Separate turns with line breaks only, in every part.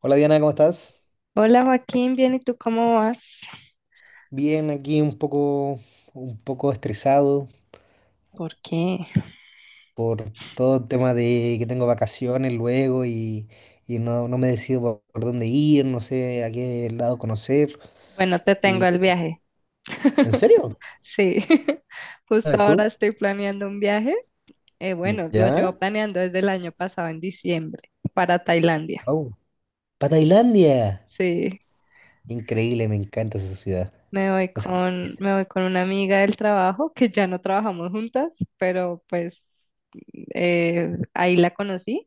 Hola Diana, ¿cómo estás?
Hola Joaquín, bien, ¿y tú cómo vas?
Bien, aquí un poco estresado
¿Por qué?
por todo el tema de que tengo vacaciones luego y no me decido por dónde ir, no sé a qué lado conocer.
Bueno, te tengo
Y,
el viaje.
¿en serio?
Sí, justo
¿Sabes
ahora
tú?
estoy planeando un viaje. Bueno, lo
¿Ya?
llevo planeando desde el año pasado, en diciembre, para Tailandia.
Wow. ¡Para Tailandia!
Sí,
Increíble, me encanta esa ciudad.
me voy
O sea,
con,
es-
me voy con una amiga del trabajo, que ya no trabajamos juntas, pero pues ahí la conocí.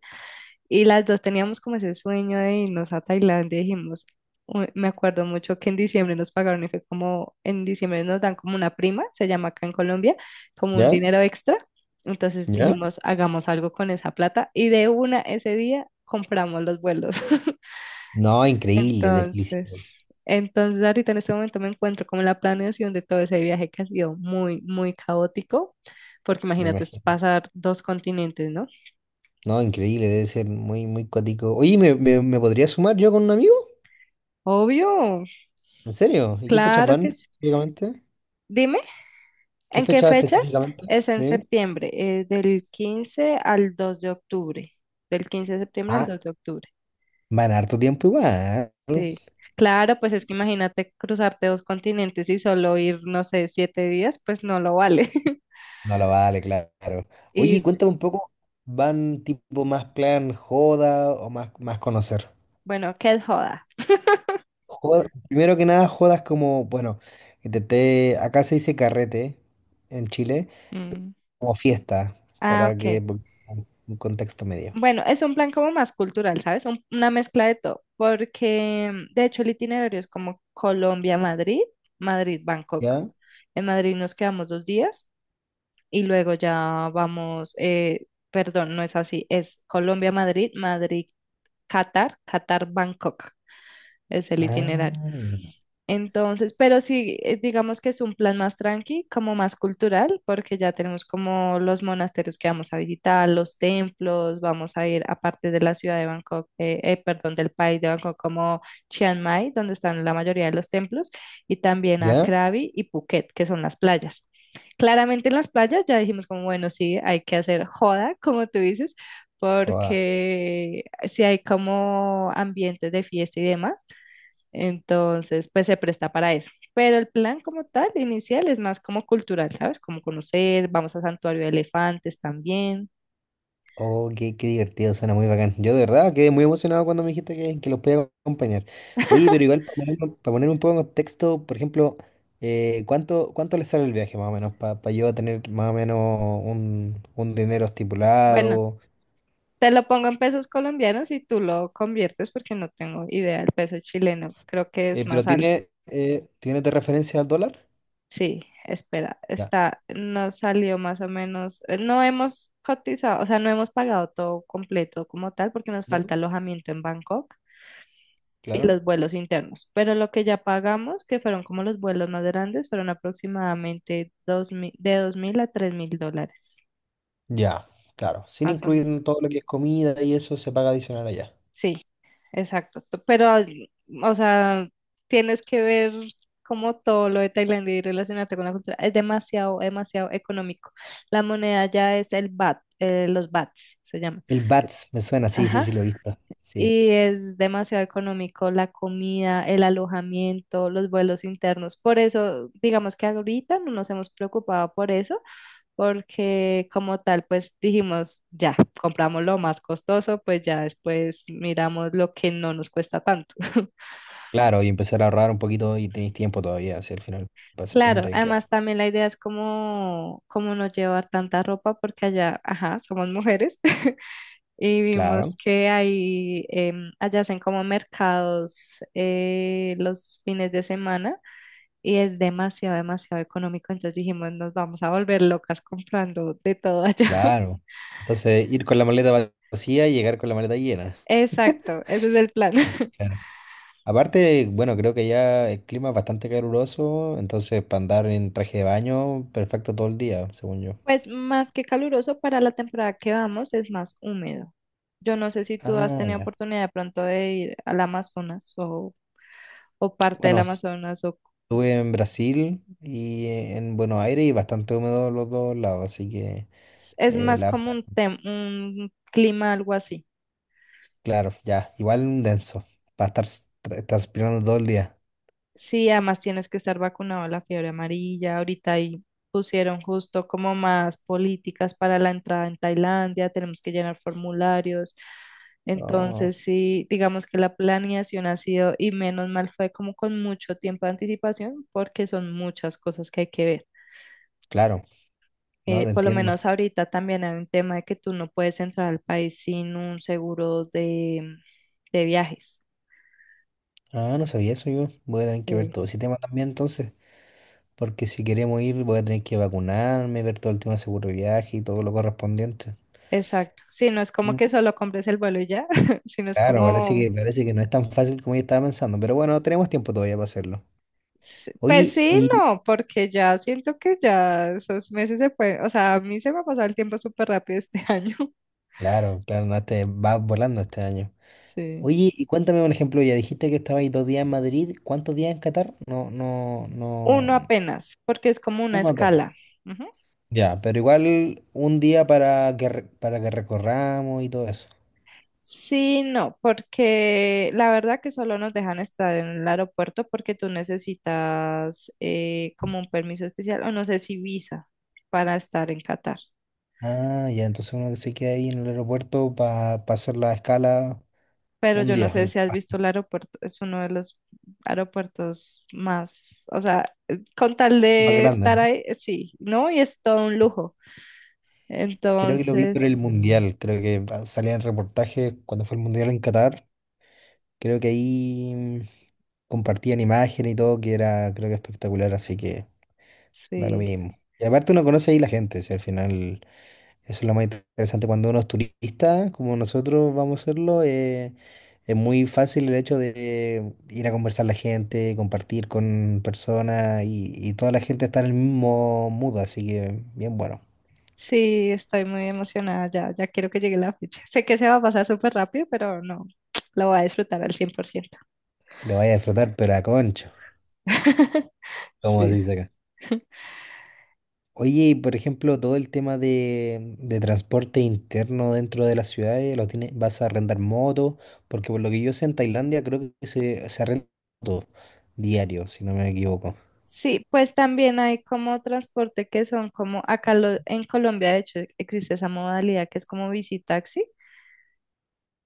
Y las dos teníamos como ese sueño de irnos a Tailandia. Dijimos, me acuerdo mucho que en diciembre nos pagaron y fue como, en diciembre nos dan como una prima, se llama acá en Colombia, como un
¿ya?
dinero extra. Entonces
¿Ya?
dijimos, hagamos algo con esa plata. Y de una ese día compramos los vuelos.
No, increíble, de
Entonces,
felicidad,
entonces ahorita en este momento me encuentro como en la planeación de todo ese viaje que ha sido muy, muy caótico, porque
me
imagínate, es
imagino.
pasar dos continentes, ¿no?
No, increíble, debe ser muy, muy cuático. Oye, ¿me podría sumar yo con un amigo?
Obvio,
¿En serio? ¿Y qué fechas
claro
van
que sí.
específicamente?
Dime,
¿Qué
¿en qué
fecha
fechas?
específicamente?
Es en
Sí.
septiembre, del 15 al 2 de octubre. Del 15 de septiembre al
Ah,
2 de octubre.
van harto tiempo igual.
Sí. Claro, pues es que imagínate cruzarte dos continentes y solo ir, no sé, 7 días, pues no lo vale.
No lo vale, claro. Oye,
Y
cuéntame un poco, ¿van tipo más plan joda o más conocer?
bueno, qué joda.
Primero que nada, jodas como, bueno, intenté, acá se dice carrete en Chile,
Mm.
como fiesta,
Ah,
para que
ok.
un contexto medio.
Bueno, es un plan como más cultural, ¿sabes? Una mezcla de todo, porque de hecho el itinerario es como Colombia-Madrid, Madrid-Bangkok.
¿Ya?
En Madrid nos quedamos 2 días y luego ya vamos, perdón, no es así, es Colombia-Madrid, Madrid-Qatar, Qatar-Bangkok es el itinerario.
Ah, ya.
Entonces, pero sí, digamos que es un plan más tranqui, como más cultural, porque ya tenemos como los monasterios que vamos a visitar, los templos, vamos a ir aparte de la ciudad de Bangkok, perdón, del país de Bangkok, como Chiang Mai, donde están la mayoría de los templos, y también a
¿Ya?
Krabi y Phuket, que son las playas. Claramente en las playas ya dijimos como, bueno, sí, hay que hacer joda, como tú dices,
Joda.
porque si hay como ambientes de fiesta y demás entonces, pues se presta para eso. Pero el plan como tal, inicial, es más como cultural, ¿sabes? Como conocer, vamos a Santuario de Elefantes también.
Oh, qué, qué divertido, suena muy bacán. Yo de verdad quedé muy emocionado cuando me dijiste que los podía acompañar. Oye, pero igual pa ponerme un poco en contexto, por ejemplo, cuánto le sale el viaje más o menos? Para yo tener más o menos un dinero
Bueno,
estipulado.
te lo pongo en pesos colombianos y tú lo conviertes porque no tengo idea del peso chileno. Creo que es
Pero
más alto.
¿tiene de referencia al dólar?
Sí, espera,
Ya.
está, nos salió más o menos, no hemos cotizado, o sea, no hemos pagado todo completo como tal porque nos
¿Ya?
falta alojamiento en Bangkok. Y
Claro.
los vuelos internos. Pero lo que ya pagamos, que fueron como los vuelos más grandes, fueron aproximadamente 2.000, de 2.000 a US$3.000,
Ya, claro. Sin
más o menos.
incluir todo lo que es comida y eso se paga adicional allá.
Sí, exacto. Pero, ay, o sea, tienes que ver como todo lo de Tailandia y relacionarte con la cultura. Es demasiado, demasiado económico. La moneda ya es el baht, los bahts se llaman.
El BATS me suena, sí, sí,
Ajá.
sí, lo he visto. Sí.
Y es demasiado económico la comida, el alojamiento, los vuelos internos. Por eso, digamos que ahorita no nos hemos preocupado por eso, porque como tal, pues dijimos, ya, compramos lo más costoso, pues ya después miramos lo que no nos cuesta tanto.
Claro, y empezar a ahorrar un poquito y tenéis tiempo todavía, hacia el final para
Claro,
septiembre queda.
además también la idea es como, como no llevar tanta ropa, porque allá, ajá, somos mujeres. Y vimos
Claro,
que ahí allá hacen como mercados los fines de semana y es demasiado, demasiado económico. Entonces dijimos, nos vamos a volver locas comprando de todo allá.
claro. Entonces, ir con la maleta vacía y llegar con la maleta llena.
Exacto, ese es el plan.
Claro. Aparte, bueno, creo que ya el clima es bastante caluroso, entonces para andar en traje de baño, perfecto todo el día, según yo.
Pues más que caluroso para la temporada que vamos, es más húmedo. Yo no sé si tú has
Ah,
tenido
ya.
oportunidad de pronto de ir al Amazonas o parte del
Bueno,
Amazonas o
estuve en Brasil y en Buenos Aires y bastante húmedo los dos lados, así que,
es
eh,
más
la,
como un, un clima algo así.
claro, ya, igual un denso, para estar transpirando todo el día.
Sí, además tienes que estar vacunado de la fiebre amarilla. Ahorita ahí pusieron justo como más políticas para la entrada en Tailandia, tenemos que llenar formularios.
No,
Entonces, sí, digamos que la planeación ha sido, y menos mal fue como con mucho tiempo de anticipación, porque son muchas cosas que hay que ver.
claro. No, te
Por lo
entiendo.
menos ahorita también hay un tema de que tú no puedes entrar al país sin un seguro de viajes.
Ah, no sabía eso yo. Voy a tener que ver todo ese tema también entonces, porque si queremos ir voy a tener que vacunarme, ver todo el tema de seguro de viaje y todo lo correspondiente.
Exacto. Sí, no es como
Mm.
que solo compres el vuelo y ya, sino es
Claro,
como,
parece que no es tan fácil como yo estaba pensando, pero bueno, tenemos tiempo todavía para hacerlo.
pues
Oye,
sí,
y
no, porque ya siento que ya esos meses se pueden, o sea, a mí se me ha pasado el tiempo súper rápido este año.
claro, claro, no, te vas volando este año.
Sí.
Oye, y cuéntame, por ejemplo, ya dijiste que estabais dos días en Madrid, ¿cuántos días en Qatar? No, no, no,
Uno apenas, porque es como una
uno apenas.
escala. Ujú.
Ya, pero igual un día para que, para que recorramos y todo eso.
Sí, no, porque la verdad que solo nos dejan estar en el aeropuerto porque tú necesitas como un permiso especial, o no sé si visa para estar en Qatar.
Ah, ya, entonces uno que se queda ahí en el aeropuerto para hacer la escala
Pero
un
yo no
día,
sé si has visto el aeropuerto, es uno de los aeropuertos más, o sea, con tal
más
de
grande,
estar
¿no?
ahí, sí, ¿no? Y es todo un lujo.
Creo que lo vi por
Entonces,
el Mundial, creo que salía en reportajes cuando fue el Mundial en Qatar, creo que ahí compartían imágenes y todo, que era, creo que espectacular, así que da lo
sí,
mismo. Y aparte uno conoce ahí la gente, si al final... Eso es lo más interesante. Cuando uno es turista, como nosotros vamos a serlo, es muy fácil el hecho de ir a conversar la gente, compartir con personas y toda la gente está en el mismo mood, así que bien bueno.
sí, estoy muy emocionada ya, ya quiero que llegue la fecha. Sé que se va a pasar súper rápido, pero no, lo voy a disfrutar al 100%.
Le vaya a disfrutar, pero a concho, como se
Sí.
dice acá. Oye, y por ejemplo, todo el tema de transporte interno dentro de las ciudades, lo tienes, vas a arrendar moto, porque por lo que yo sé en Tailandia creo que se arrenda moto diario, si no me equivoco.
Sí, pues también hay como transporte que son como acá en Colombia, de hecho, existe esa modalidad que es como bici,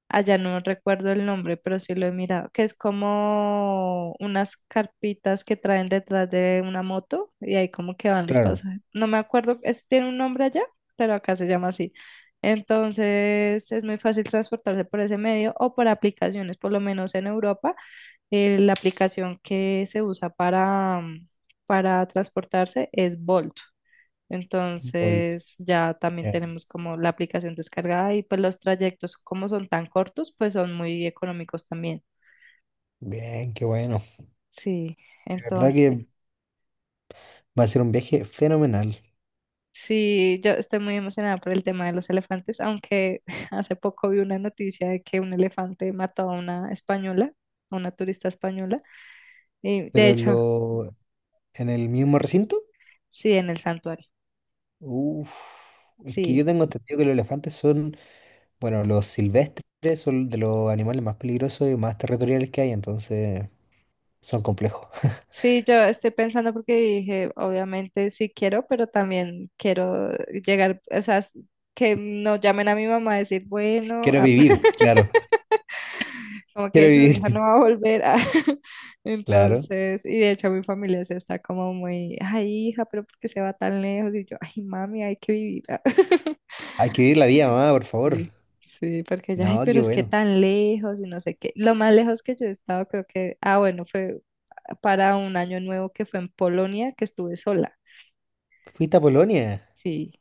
allá no recuerdo el nombre, pero sí lo he mirado, que es como unas carpitas que traen detrás de una moto y ahí como que van los
Claro,
pasajeros. No me acuerdo, es, tiene un nombre allá, pero acá se llama así. Entonces es muy fácil transportarse por ese medio o por aplicaciones, por lo menos en Europa, la aplicación que se usa para, para transportarse es Bolt.
o el-
Entonces ya también
ya.
tenemos como la aplicación descargada y pues los trayectos como son tan cortos, pues son muy económicos también.
Bien, qué bueno.
Sí,
La verdad
entonces
que va a ser un viaje fenomenal.
sí, yo estoy muy emocionada por el tema de los elefantes, aunque hace poco vi una noticia de que un elefante mató a una española, a una turista española, y de
Pero en
hecho,
lo, en el mismo recinto,
sí, en el santuario,
uff, es que
sí.
yo tengo entendido que los elefantes son, bueno, los silvestres son de los animales más peligrosos y más territoriales que hay, entonces son complejos.
Sí, yo estoy pensando porque dije, obviamente sí quiero, pero también quiero llegar, o sea, que no llamen a mi mamá a decir, bueno,
Quiero
ah,
vivir, claro.
como
Quiero
que su hija no
vivir,
va a volver. Ah.
claro.
Entonces, y de hecho mi familia se está como muy, ay, hija, pero ¿por qué se va tan lejos? Y yo, ay, mami, hay que vivir. Ah.
Hay que vivir la vida, mamá, por favor.
Sí, sí, porque ya, ay,
No,
pero
qué
es que
bueno.
tan lejos y no sé qué. Lo más lejos que yo he estado, creo que, ah, bueno, fue para un año nuevo que fue en Polonia, que estuve sola.
¿Fuiste a Polonia?
Sí.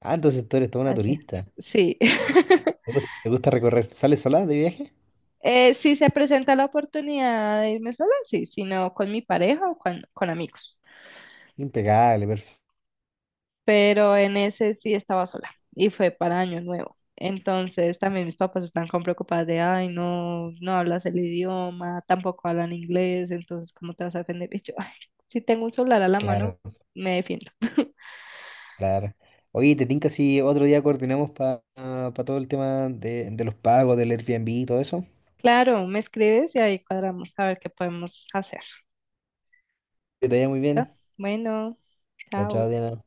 Ah, entonces tú eres toda una
Allá.
turista.
Sí.
Te gusta recorrer? ¿Sales sola de viaje?
Si se presenta la oportunidad de irme sola, sí, sino con mi pareja o con amigos.
Impecable, perfecto.
Pero en ese sí estaba sola y fue para Año Nuevo. Entonces también mis papás están con preocupadas de, ay, no, no hablas el idioma, tampoco hablan inglés, entonces ¿cómo te vas a defender? Y yo, ay, si tengo un celular a la mano,
Claro.
me defiendo.
Claro. Oye, te tinca si otro día coordinamos para todo el tema de los pagos, del Airbnb y todo eso.
Claro, me escribes y ahí cuadramos a ver qué podemos hacer.
Que te vaya muy bien.
Bueno,
Chao, chao,
chao.
Diana.